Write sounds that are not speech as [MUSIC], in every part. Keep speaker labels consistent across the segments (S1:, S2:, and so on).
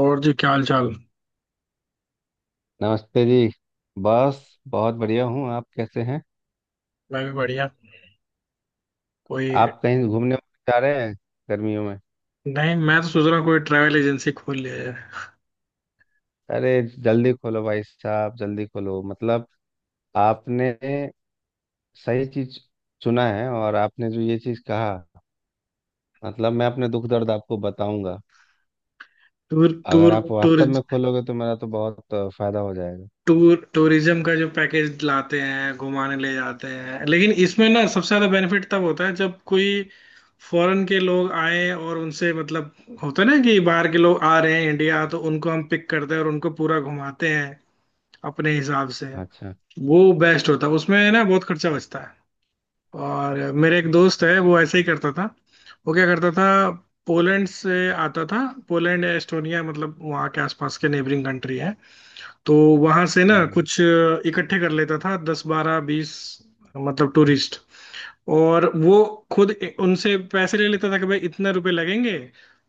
S1: और जी क्या हाल चाल।
S2: नमस्ते जी। बस बहुत बढ़िया हूँ, आप कैसे हैं?
S1: मैं भी बढ़िया। कोई
S2: आप कहीं घूमने जा रहे हैं गर्मियों में?
S1: नहीं, मैं तो सोच रहा हूँ कोई ट्रैवल एजेंसी खोल लिया जाए।
S2: अरे, जल्दी खोलो भाई साहब, जल्दी खोलो। मतलब आपने सही चीज चुना है, और आपने जो ये चीज कहा, मतलब मैं अपने दुख दर्द आपको बताऊंगा।
S1: टूर
S2: अगर
S1: टूर
S2: आप
S1: टूर
S2: वास्तव में खोलोगे तो मेरा तो बहुत फायदा हो जाएगा।
S1: टूर टूरिज्म का जो पैकेज लाते हैं घुमाने ले जाते हैं, लेकिन इसमें ना सबसे ज्यादा बेनिफिट तब होता है जब कोई फॉरेन के लोग आए और उनसे मतलब होता है ना कि बाहर के लोग आ रहे हैं इंडिया, तो उनको हम पिक करते हैं और उनको पूरा घुमाते हैं अपने हिसाब से।
S2: अच्छा।
S1: वो बेस्ट होता है, उसमें ना बहुत खर्चा बचता। और मेरे एक दोस्त है, वो ऐसे ही करता था। वो क्या करता था, पोलैंड से आता था। पोलैंड या एस्टोनिया, मतलब वहाँ के आसपास के नेबरिंग कंट्री है, तो वहाँ से ना
S2: हम्म।
S1: कुछ इकट्ठे कर लेता था दस बारह बीस, मतलब टूरिस्ट। और वो खुद उनसे पैसे ले लेता था कि भाई इतने रुपए लगेंगे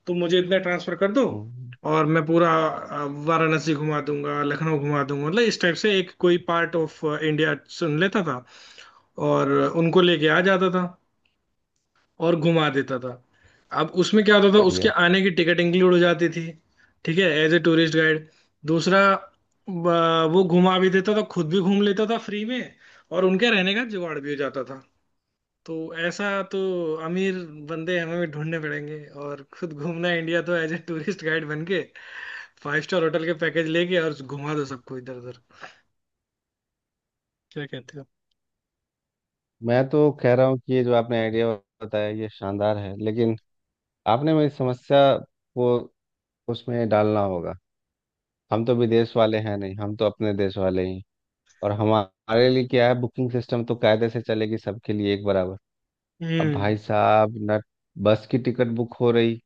S1: तो मुझे इतना ट्रांसफर कर दो,
S2: हम्म।
S1: और मैं पूरा वाराणसी घुमा दूंगा, लखनऊ घुमा दूंगा, मतलब इस टाइप से एक कोई पार्ट ऑफ इंडिया चुन लेता था और उनको लेके आ जाता था और घुमा देता था। अब उसमें क्या होता था, उसके
S2: बढ़िया।
S1: आने की टिकट इंक्लूड हो जाती थी। ठीक है, एज ए टूरिस्ट गाइड। दूसरा, वो घुमा भी देता था, खुद भी घूम लेता था फ्री में, और उनके रहने का जुगाड़ भी हो जाता था। तो ऐसा तो अमीर बंदे हमें भी ढूंढने पड़ेंगे, और खुद घूमना इंडिया, तो एज ए टूरिस्ट गाइड बन के फाइव स्टार होटल के पैकेज लेके और घुमा दो सबको इधर उधर। क्या कहते हो?
S2: मैं तो कह रहा हूँ कि ये जो आपने आइडिया बताया ये शानदार है, लेकिन आपने मेरी समस्या को उसमें डालना होगा। हम तो विदेश वाले हैं नहीं, हम तो अपने देश वाले ही हैं। और हमारे लिए क्या है, बुकिंग सिस्टम तो कायदे से चलेगी सबके लिए एक बराबर। अब भाई साहब, न बस की टिकट बुक हो रही,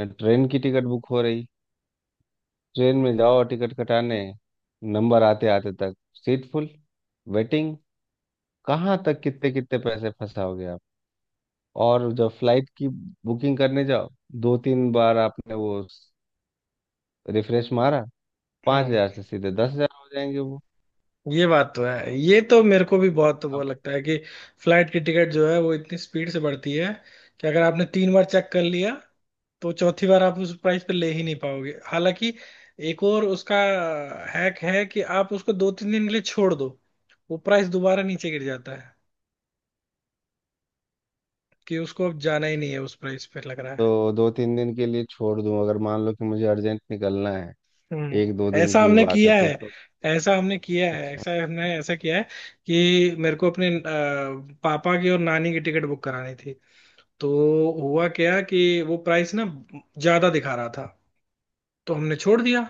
S2: न ट्रेन की टिकट बुक हो रही। ट्रेन में जाओ टिकट कटाने, नंबर आते आते तक सीट फुल, वेटिंग। कहाँ तक कितने कितने पैसे फंसाओगे आप? और जब फ्लाइट की बुकिंग करने जाओ, दो तीन बार आपने वो रिफ्रेश मारा, पाँच
S1: हम्म।
S2: हजार से सीधे 10,000 हो जाएंगे वो।
S1: ये बात तो है, ये तो मेरे को भी बहुत वो लगता है कि फ्लाइट की टिकट जो है वो इतनी स्पीड से बढ़ती है कि अगर आपने तीन बार चेक कर लिया, तो चौथी बार आप उस प्राइस पे ले ही नहीं पाओगे। हालांकि एक और उसका हैक है कि आप उसको दो तीन दिन के लिए छोड़ दो, वो प्राइस दोबारा नीचे गिर जाता है, कि उसको अब जाना ही नहीं है उस प्राइस पे लग रहा है।
S2: तो दो तीन दिन के लिए छोड़ दूं, अगर मान लो कि मुझे अर्जेंट निकलना है, एक
S1: हम्म,
S2: दो दिन
S1: ऐसा
S2: की
S1: हमने
S2: बात है
S1: किया
S2: तो,
S1: है।
S2: तो
S1: ऐसा हमने किया है,
S2: अच्छा।
S1: ऐसा हमने ऐसा किया है कि मेरे को अपने पापा की और नानी की टिकट बुक करानी थी। तो हुआ क्या कि वो प्राइस ना ज्यादा दिखा रहा था, तो हमने छोड़ दिया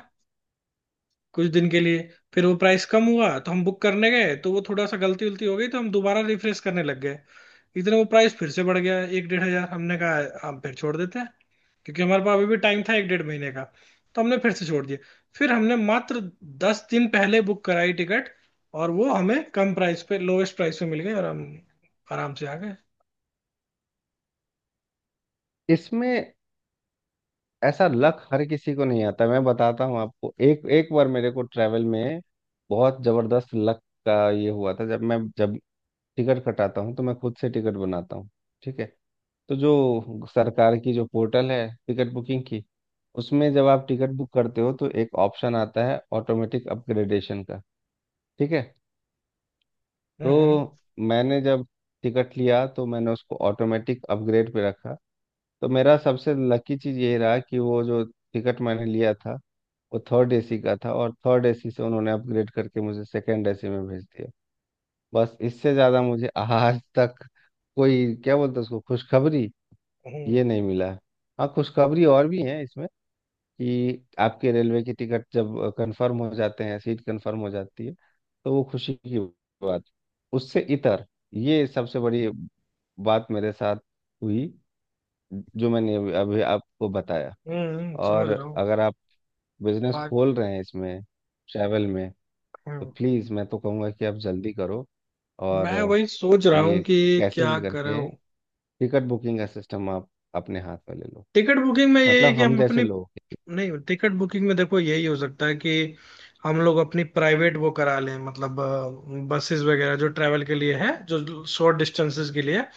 S1: कुछ दिन के लिए। फिर वो प्राइस कम हुआ, तो हम बुक करने गए, तो वो थोड़ा सा गलती उलती हो गई, तो हम दोबारा रिफ्रेश करने लग गए, इतने वो प्राइस फिर से बढ़ गया एक डेढ़ हजार। हमने कहा हम फिर छोड़ देते हैं, क्योंकि हमारे पास अभी भी टाइम था एक डेढ़ महीने का। तो हमने फिर से छोड़ दिया। फिर हमने मात्र दस दिन पहले बुक कराई टिकट, और वो हमें कम प्राइस पे, लोवेस्ट प्राइस पे मिल गई, और हम आराम से आ गए।
S2: इसमें ऐसा लक हर किसी को नहीं आता। मैं बताता हूँ आपको, एक एक बार मेरे को ट्रैवल में बहुत ज़बरदस्त लक का ये हुआ था। जब टिकट कटाता हूँ तो मैं खुद से टिकट बनाता हूँ। ठीक है। तो जो सरकार की जो पोर्टल है टिकट बुकिंग की, उसमें जब आप टिकट बुक करते हो तो एक ऑप्शन आता है ऑटोमेटिक अपग्रेडेशन का। ठीक है।
S1: हम्म।
S2: तो मैंने जब टिकट लिया तो मैंने उसको ऑटोमेटिक अपग्रेड पे रखा। तो मेरा सबसे लकी चीज़ ये रहा कि वो जो टिकट मैंने लिया था वो थर्ड एसी का था, और थर्ड एसी से उन्होंने अपग्रेड करके मुझे सेकंड एसी में भेज दिया। बस इससे ज़्यादा मुझे [LAUGHS] आज तक कोई, क्या बोलते हैं उसको, खुशखबरी
S1: हम्म।
S2: ये नहीं मिला है। हाँ, खुशखबरी और भी है इसमें, कि आपके रेलवे की टिकट जब कंफर्म हो जाते हैं, सीट कंफर्म हो जाती है, तो वो खुशी की बात उससे इतर ये सबसे बड़ी बात मेरे साथ हुई, जो मैंने अभी अभी आपको बताया। और
S1: समझ रहा हूँ।
S2: अगर आप बिजनेस खोल रहे हैं इसमें, ट्रैवल में, तो
S1: हाँ,
S2: प्लीज़ मैं तो कहूँगा कि आप जल्दी करो। और
S1: मैं वही सोच रहा हूँ
S2: ये,
S1: कि
S2: कैसे
S1: क्या
S2: भी करके,
S1: करूँ।
S2: टिकट बुकिंग का सिस्टम आप अपने हाथ में ले लो।
S1: टिकट बुकिंग में यही है
S2: मतलब
S1: कि
S2: हम
S1: हम
S2: जैसे
S1: अपने,
S2: लोग।
S1: नहीं, टिकट बुकिंग में देखो यही हो सकता है कि हम लोग अपनी प्राइवेट वो करा लें, मतलब बसेस वगैरह जो ट्रैवल के लिए है, जो शॉर्ट डिस्टेंसेस के लिए है।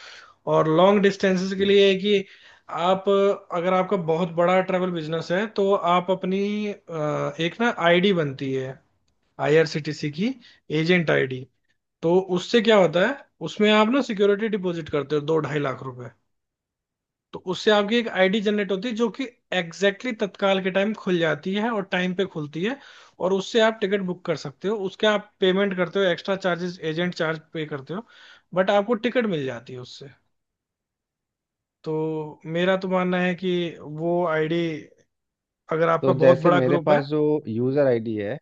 S1: और लॉन्ग डिस्टेंसेस के
S2: जी।
S1: लिए है कि आप अगर आपका बहुत बड़ा ट्रैवल बिजनेस है, तो आप अपनी एक ना आईडी बनती है, आईआरसीटीसी की एजेंट आईडी। तो उससे क्या होता है, उसमें आप ना सिक्योरिटी डिपॉजिट करते हो दो ढाई लाख रुपए, तो उससे आपकी एक आईडी जनरेट होती है, जो कि एग्जैक्टली exactly तत्काल के टाइम खुल जाती है और टाइम पे खुलती है, और उससे आप टिकट बुक कर सकते हो। उसके आप पेमेंट करते हो, extra charges agent charge pay करते हो, बट आपको टिकट मिल जाती है उससे। तो मेरा तो मानना है कि वो आईडी, अगर आपका
S2: तो
S1: बहुत
S2: जैसे
S1: बड़ा
S2: मेरे
S1: ग्रुप है।
S2: पास जो यूज़र आईडी है,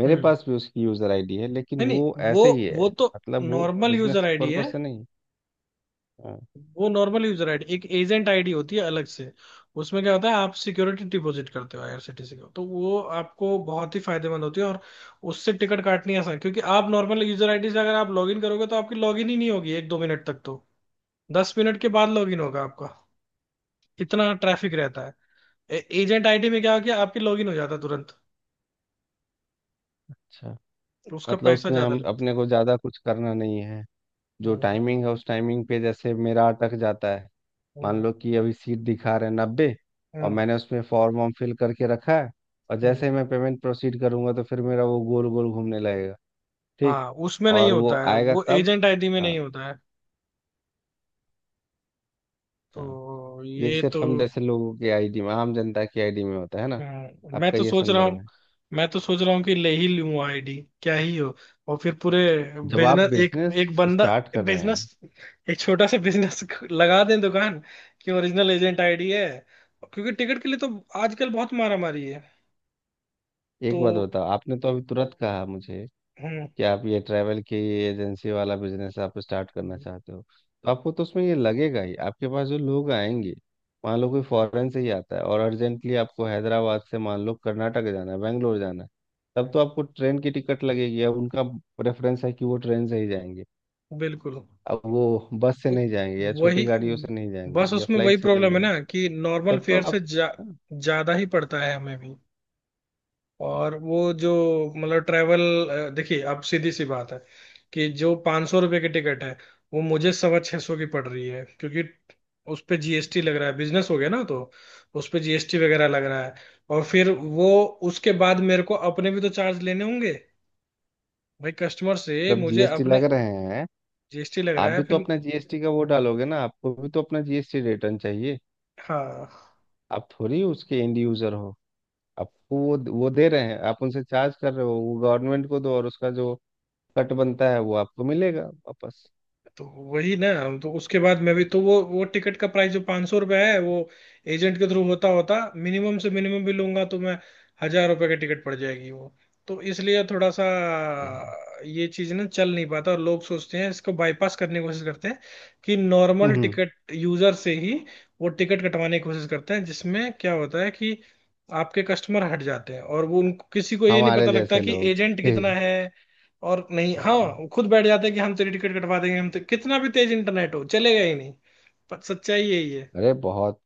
S2: मेरे
S1: हम्म।
S2: पास भी उसकी यूज़र आईडी है लेकिन
S1: नहीं
S2: वो
S1: नहीं, वो
S2: ऐसे ही है,
S1: वो तो
S2: मतलब वो
S1: normal user
S2: business
S1: ID
S2: purpose
S1: है।
S2: से नहीं। हाँ।
S1: वो नॉर्मल यूजर आईडी, एक एजेंट आईडी होती है अलग से। उसमें क्या होता है आप सिक्योरिटी डिपॉजिट करते हो आईआरसीटीसी को, तो वो आपको बहुत ही फायदेमंद होती है, और उससे टिकट काटनी आसान है, क्योंकि आप नॉर्मल यूजर आईडी से अगर आप लॉगिन करोगे, तो आपकी लॉगिन ही नहीं होगी एक दो मिनट तक, तो दस मिनट के बाद लॉगिन होगा आपका, इतना ट्रैफिक रहता है। एजेंट आईडी में क्या हो गया, आपकी लॉगिन हो जाता है तुरंत,
S2: अच्छा।
S1: तो उसका
S2: मतलब
S1: पैसा
S2: उसमें
S1: ज्यादा
S2: हम
S1: लगता
S2: अपने को ज़्यादा कुछ करना नहीं है।
S1: है।
S2: जो
S1: हम्म।
S2: टाइमिंग है उस टाइमिंग पे, जैसे मेरा अटक जाता है। मान
S1: हम्म।
S2: लो कि अभी सीट दिखा रहे हैं 90, और
S1: हम्म।
S2: मैंने उसमें फॉर्म वॉर्म फिल करके रखा है, और
S1: हम्म।
S2: जैसे ही मैं पेमेंट प्रोसीड करूंगा तो फिर मेरा वो गोल गोल घूमने लगेगा। ठीक।
S1: हाँ उसमें नहीं
S2: और
S1: होता
S2: वो
S1: है,
S2: आएगा
S1: वो
S2: तब।
S1: एजेंट आईडी में नहीं होता है।
S2: हाँ,
S1: तो
S2: ये
S1: ये
S2: सिर्फ
S1: तो,
S2: हम जैसे लोगों की आईडी में, आम जनता की आईडी में होता है ना,
S1: मैं
S2: आपका
S1: तो
S2: ये
S1: सोच रहा
S2: संदर्भ
S1: हूँ।
S2: है।
S1: मैं तो सोच रहा हूँ कि ले ही लूँ आईडी, क्या ही हो, और फिर पूरे
S2: जब आप
S1: बिजनेस, एक
S2: बिजनेस
S1: एक बंदा
S2: स्टार्ट कर रहे
S1: बिजनेस,
S2: हैं,
S1: एक छोटा सा बिजनेस [LAUGHS] लगा दें दुकान, कि ओरिजिनल एजेंट आईडी है, क्योंकि टिकट के लिए तो आजकल बहुत मारामारी है।
S2: एक
S1: तो
S2: बात बताओ, आपने तो अभी तुरंत कहा मुझे
S1: हम्म।
S2: कि आप ये ट्रैवल की एजेंसी वाला बिजनेस आप स्टार्ट करना
S1: हम्म,
S2: चाहते हो, तो आपको तो उसमें ये लगेगा ही। आपके पास जो लोग आएंगे, मान लो कोई फॉरेन से ही आता है और अर्जेंटली आपको हैदराबाद से मान लो कर्नाटक जाना है, बेंगलोर जाना है, तब तो
S1: हम्म,
S2: आपको ट्रेन की टिकट लगेगी। अब उनका प्रेफरेंस है कि वो ट्रेन से ही जाएंगे।
S1: बिल्कुल।
S2: अब वो बस से
S1: तो
S2: नहीं जाएंगे, या
S1: वही,
S2: छोटी गाड़ियों से नहीं जाएंगे,
S1: बस
S2: या
S1: उसमें
S2: फ्लाइट
S1: वही
S2: से नहीं
S1: प्रॉब्लम है
S2: जाएंगे।
S1: ना कि नॉर्मल
S2: तब तो
S1: फेयर से
S2: आप।
S1: जा,
S2: हाँ,
S1: ज्यादा ही पड़ता है हमें भी। और वो जो मतलब ट्रेवल, देखिए अब सीधी सी बात है कि जो 500 सौ रुपये की टिकट है, वो मुझे सवा छह सौ की पड़ रही है, क्योंकि उस पे जीएसटी लग रहा है, बिजनेस हो गया ना, तो उस पे जीएसटी वगैरह लग रहा है। और फिर वो, उसके बाद मेरे को अपने भी तो चार्ज लेने होंगे भाई, कस्टमर से
S2: जब
S1: मुझे
S2: जीएसटी
S1: अपने
S2: लग रहे हैं,
S1: जीएसटी लग
S2: आप
S1: रहा है
S2: भी तो
S1: फिर,
S2: अपना जीएसटी का वो डालोगे ना, आपको भी तो अपना जीएसटी रिटर्न चाहिए।
S1: हाँ,
S2: आप थोड़ी उसके एंड यूजर हो। आपको वो दे रहे हैं, आप उनसे चार्ज कर रहे हो, वो गवर्नमेंट को दो, और उसका जो कट बनता है वो आपको मिलेगा वापस।
S1: तो वही ना, हम तो उसके बाद मैं भी तो वो टिकट का प्राइस जो 500 सौ रुपया है, वो एजेंट के थ्रू होता होता मिनिमम से मिनिमम भी लूंगा तो मैं हजार रुपये की टिकट पड़ जाएगी वो। तो इसलिए थोड़ा सा
S2: ये है।
S1: ये चीज ना चल नहीं पाता, और लोग सोचते हैं इसको बाईपास करने की कोशिश करते हैं, कि नॉर्मल
S2: हम्म।
S1: टिकट यूजर से ही वो टिकट कटवाने की कोशिश करते हैं, जिसमें क्या होता है कि आपके कस्टमर हट जाते हैं, और वो उनको किसी को ये नहीं
S2: हमारे
S1: पता लगता
S2: जैसे
S1: कि
S2: लोग
S1: एजेंट
S2: [LAUGHS]
S1: कितना है। और नहीं, हाँ, वो खुद बैठ जाते हैं कि हम तेरी टिकट कटवा देंगे, हम तो कितना भी तेज इंटरनेट हो चलेगा ही नहीं, पर सच्चाई यही है।
S2: अरे, बहुत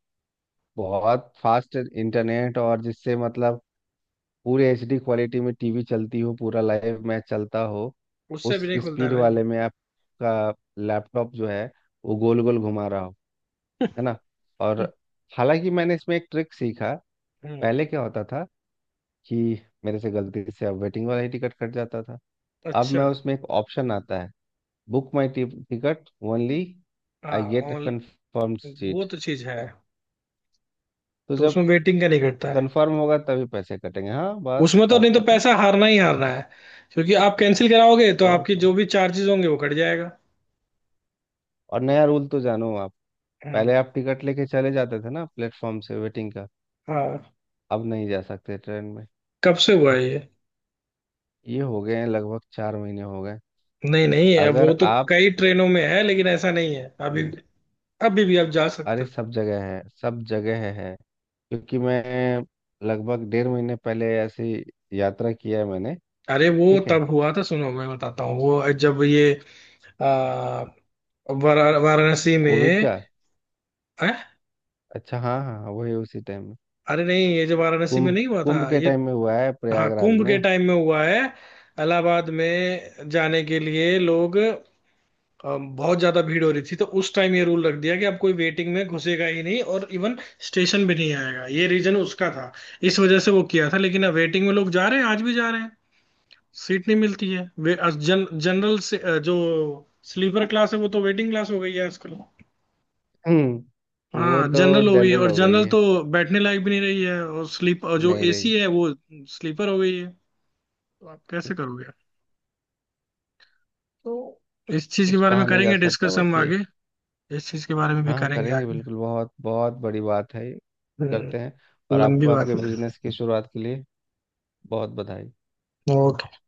S2: बहुत फास्ट इंटरनेट, और जिससे मतलब पूरी एचडी क्वालिटी में टीवी चलती हो, पूरा लाइव मैच चलता हो,
S1: उससे
S2: उस
S1: भी नहीं खुलता है
S2: स्पीड
S1: भाई।
S2: वाले में आपका लैपटॉप जो है वो गोल गोल घुमा रहा हो, है ना। और
S1: [LAUGHS]
S2: हालांकि मैंने इसमें एक ट्रिक सीखा।
S1: हम्म।
S2: पहले क्या होता था, कि मेरे से गलती से अब वेटिंग वाला ही टिकट कट जाता था। अब
S1: अच्छा।
S2: मैं, उसमें एक ऑप्शन आता है, बुक माई टिकट ओनली
S1: हाँ,
S2: I get a
S1: on,
S2: confirm
S1: वो
S2: सीट।
S1: तो चीज है,
S2: तो
S1: तो
S2: जब
S1: उसमें वेटिंग का नहीं घटता है।
S2: कंफर्म होगा तभी पैसे कटेंगे, हाँ, बस
S1: उसमें तो
S2: बात
S1: नहीं तो
S2: खत्म।
S1: पैसा हारना ही हारना है, क्योंकि आप कैंसिल कराओगे तो
S2: और
S1: आपकी
S2: क्या।
S1: जो भी चार्जेस होंगे वो कट जाएगा।
S2: और नया रूल तो जानो आप,
S1: हम्म,
S2: पहले आप टिकट लेके चले जाते थे ना प्लेटफॉर्म से वेटिंग का,
S1: हाँ।
S2: अब नहीं जा सकते ट्रेन में।
S1: कब से हुआ है ये?
S2: ये हो गए हैं, लगभग 4 महीने हो गए।
S1: नहीं नहीं है,
S2: अगर
S1: वो तो
S2: आप
S1: कई ट्रेनों में है, लेकिन ऐसा नहीं है अभी।
S2: न-
S1: अभी भी आप जा सकते
S2: अरे,
S1: हो।
S2: सब जगह है, सब जगह है। क्योंकि मैं लगभग 1.5 महीने पहले ऐसी यात्रा किया है मैंने।
S1: अरे वो
S2: ठीक है।
S1: तब हुआ था, सुनो मैं बताता हूँ, वो जब ये आ, वाराणसी
S2: कोविड
S1: में,
S2: का।
S1: हैं?
S2: अच्छा, हाँ हाँ हाँ, वही, उसी टाइम में।
S1: अरे नहीं, ये जो वाराणसी में
S2: कुंभ,
S1: नहीं हुआ
S2: कुंभ
S1: था,
S2: के
S1: ये
S2: टाइम में हुआ है
S1: हाँ
S2: प्रयागराज
S1: कुंभ के
S2: में।
S1: टाइम में हुआ है, इलाहाबाद में जाने के लिए लोग बहुत ज्यादा भीड़ हो रही थी, तो उस टाइम ये रूल रख दिया कि अब कोई वेटिंग में घुसेगा ही नहीं, और इवन स्टेशन भी नहीं आएगा, ये रीजन उसका था, इस वजह से वो किया था। लेकिन अब वेटिंग में लोग जा रहे हैं, आज भी जा रहे हैं। सीट नहीं मिलती है, वे जनरल से जो स्लीपर क्लास है वो तो वेटिंग क्लास हो गई है आजकल।
S2: हम्म। वो
S1: हाँ
S2: तो
S1: जनरल हो गई है,
S2: जनरल
S1: और
S2: हो गई
S1: जनरल
S2: है,
S1: तो बैठने लायक भी नहीं रही है, और स्लीप और जो
S2: नहीं रही।
S1: एसी है वो स्लीपर हो गई है। तो आप कैसे करोगे? तो इस चीज के
S2: कुछ
S1: बारे में
S2: कहा नहीं जा
S1: करेंगे
S2: सकता,
S1: डिस्कस
S2: बस
S1: हम
S2: ये।
S1: आगे। इस चीज के बारे में भी
S2: हाँ हाँ,
S1: करेंगे
S2: करेंगे
S1: आगे।
S2: बिल्कुल, बहुत बहुत बड़ी बात है ये,
S1: हम्म,
S2: करते हैं। और
S1: लंबी
S2: आपको
S1: बात
S2: आपके
S1: है।
S2: बिजनेस की शुरुआत के लिए बहुत बधाई।
S1: ओके।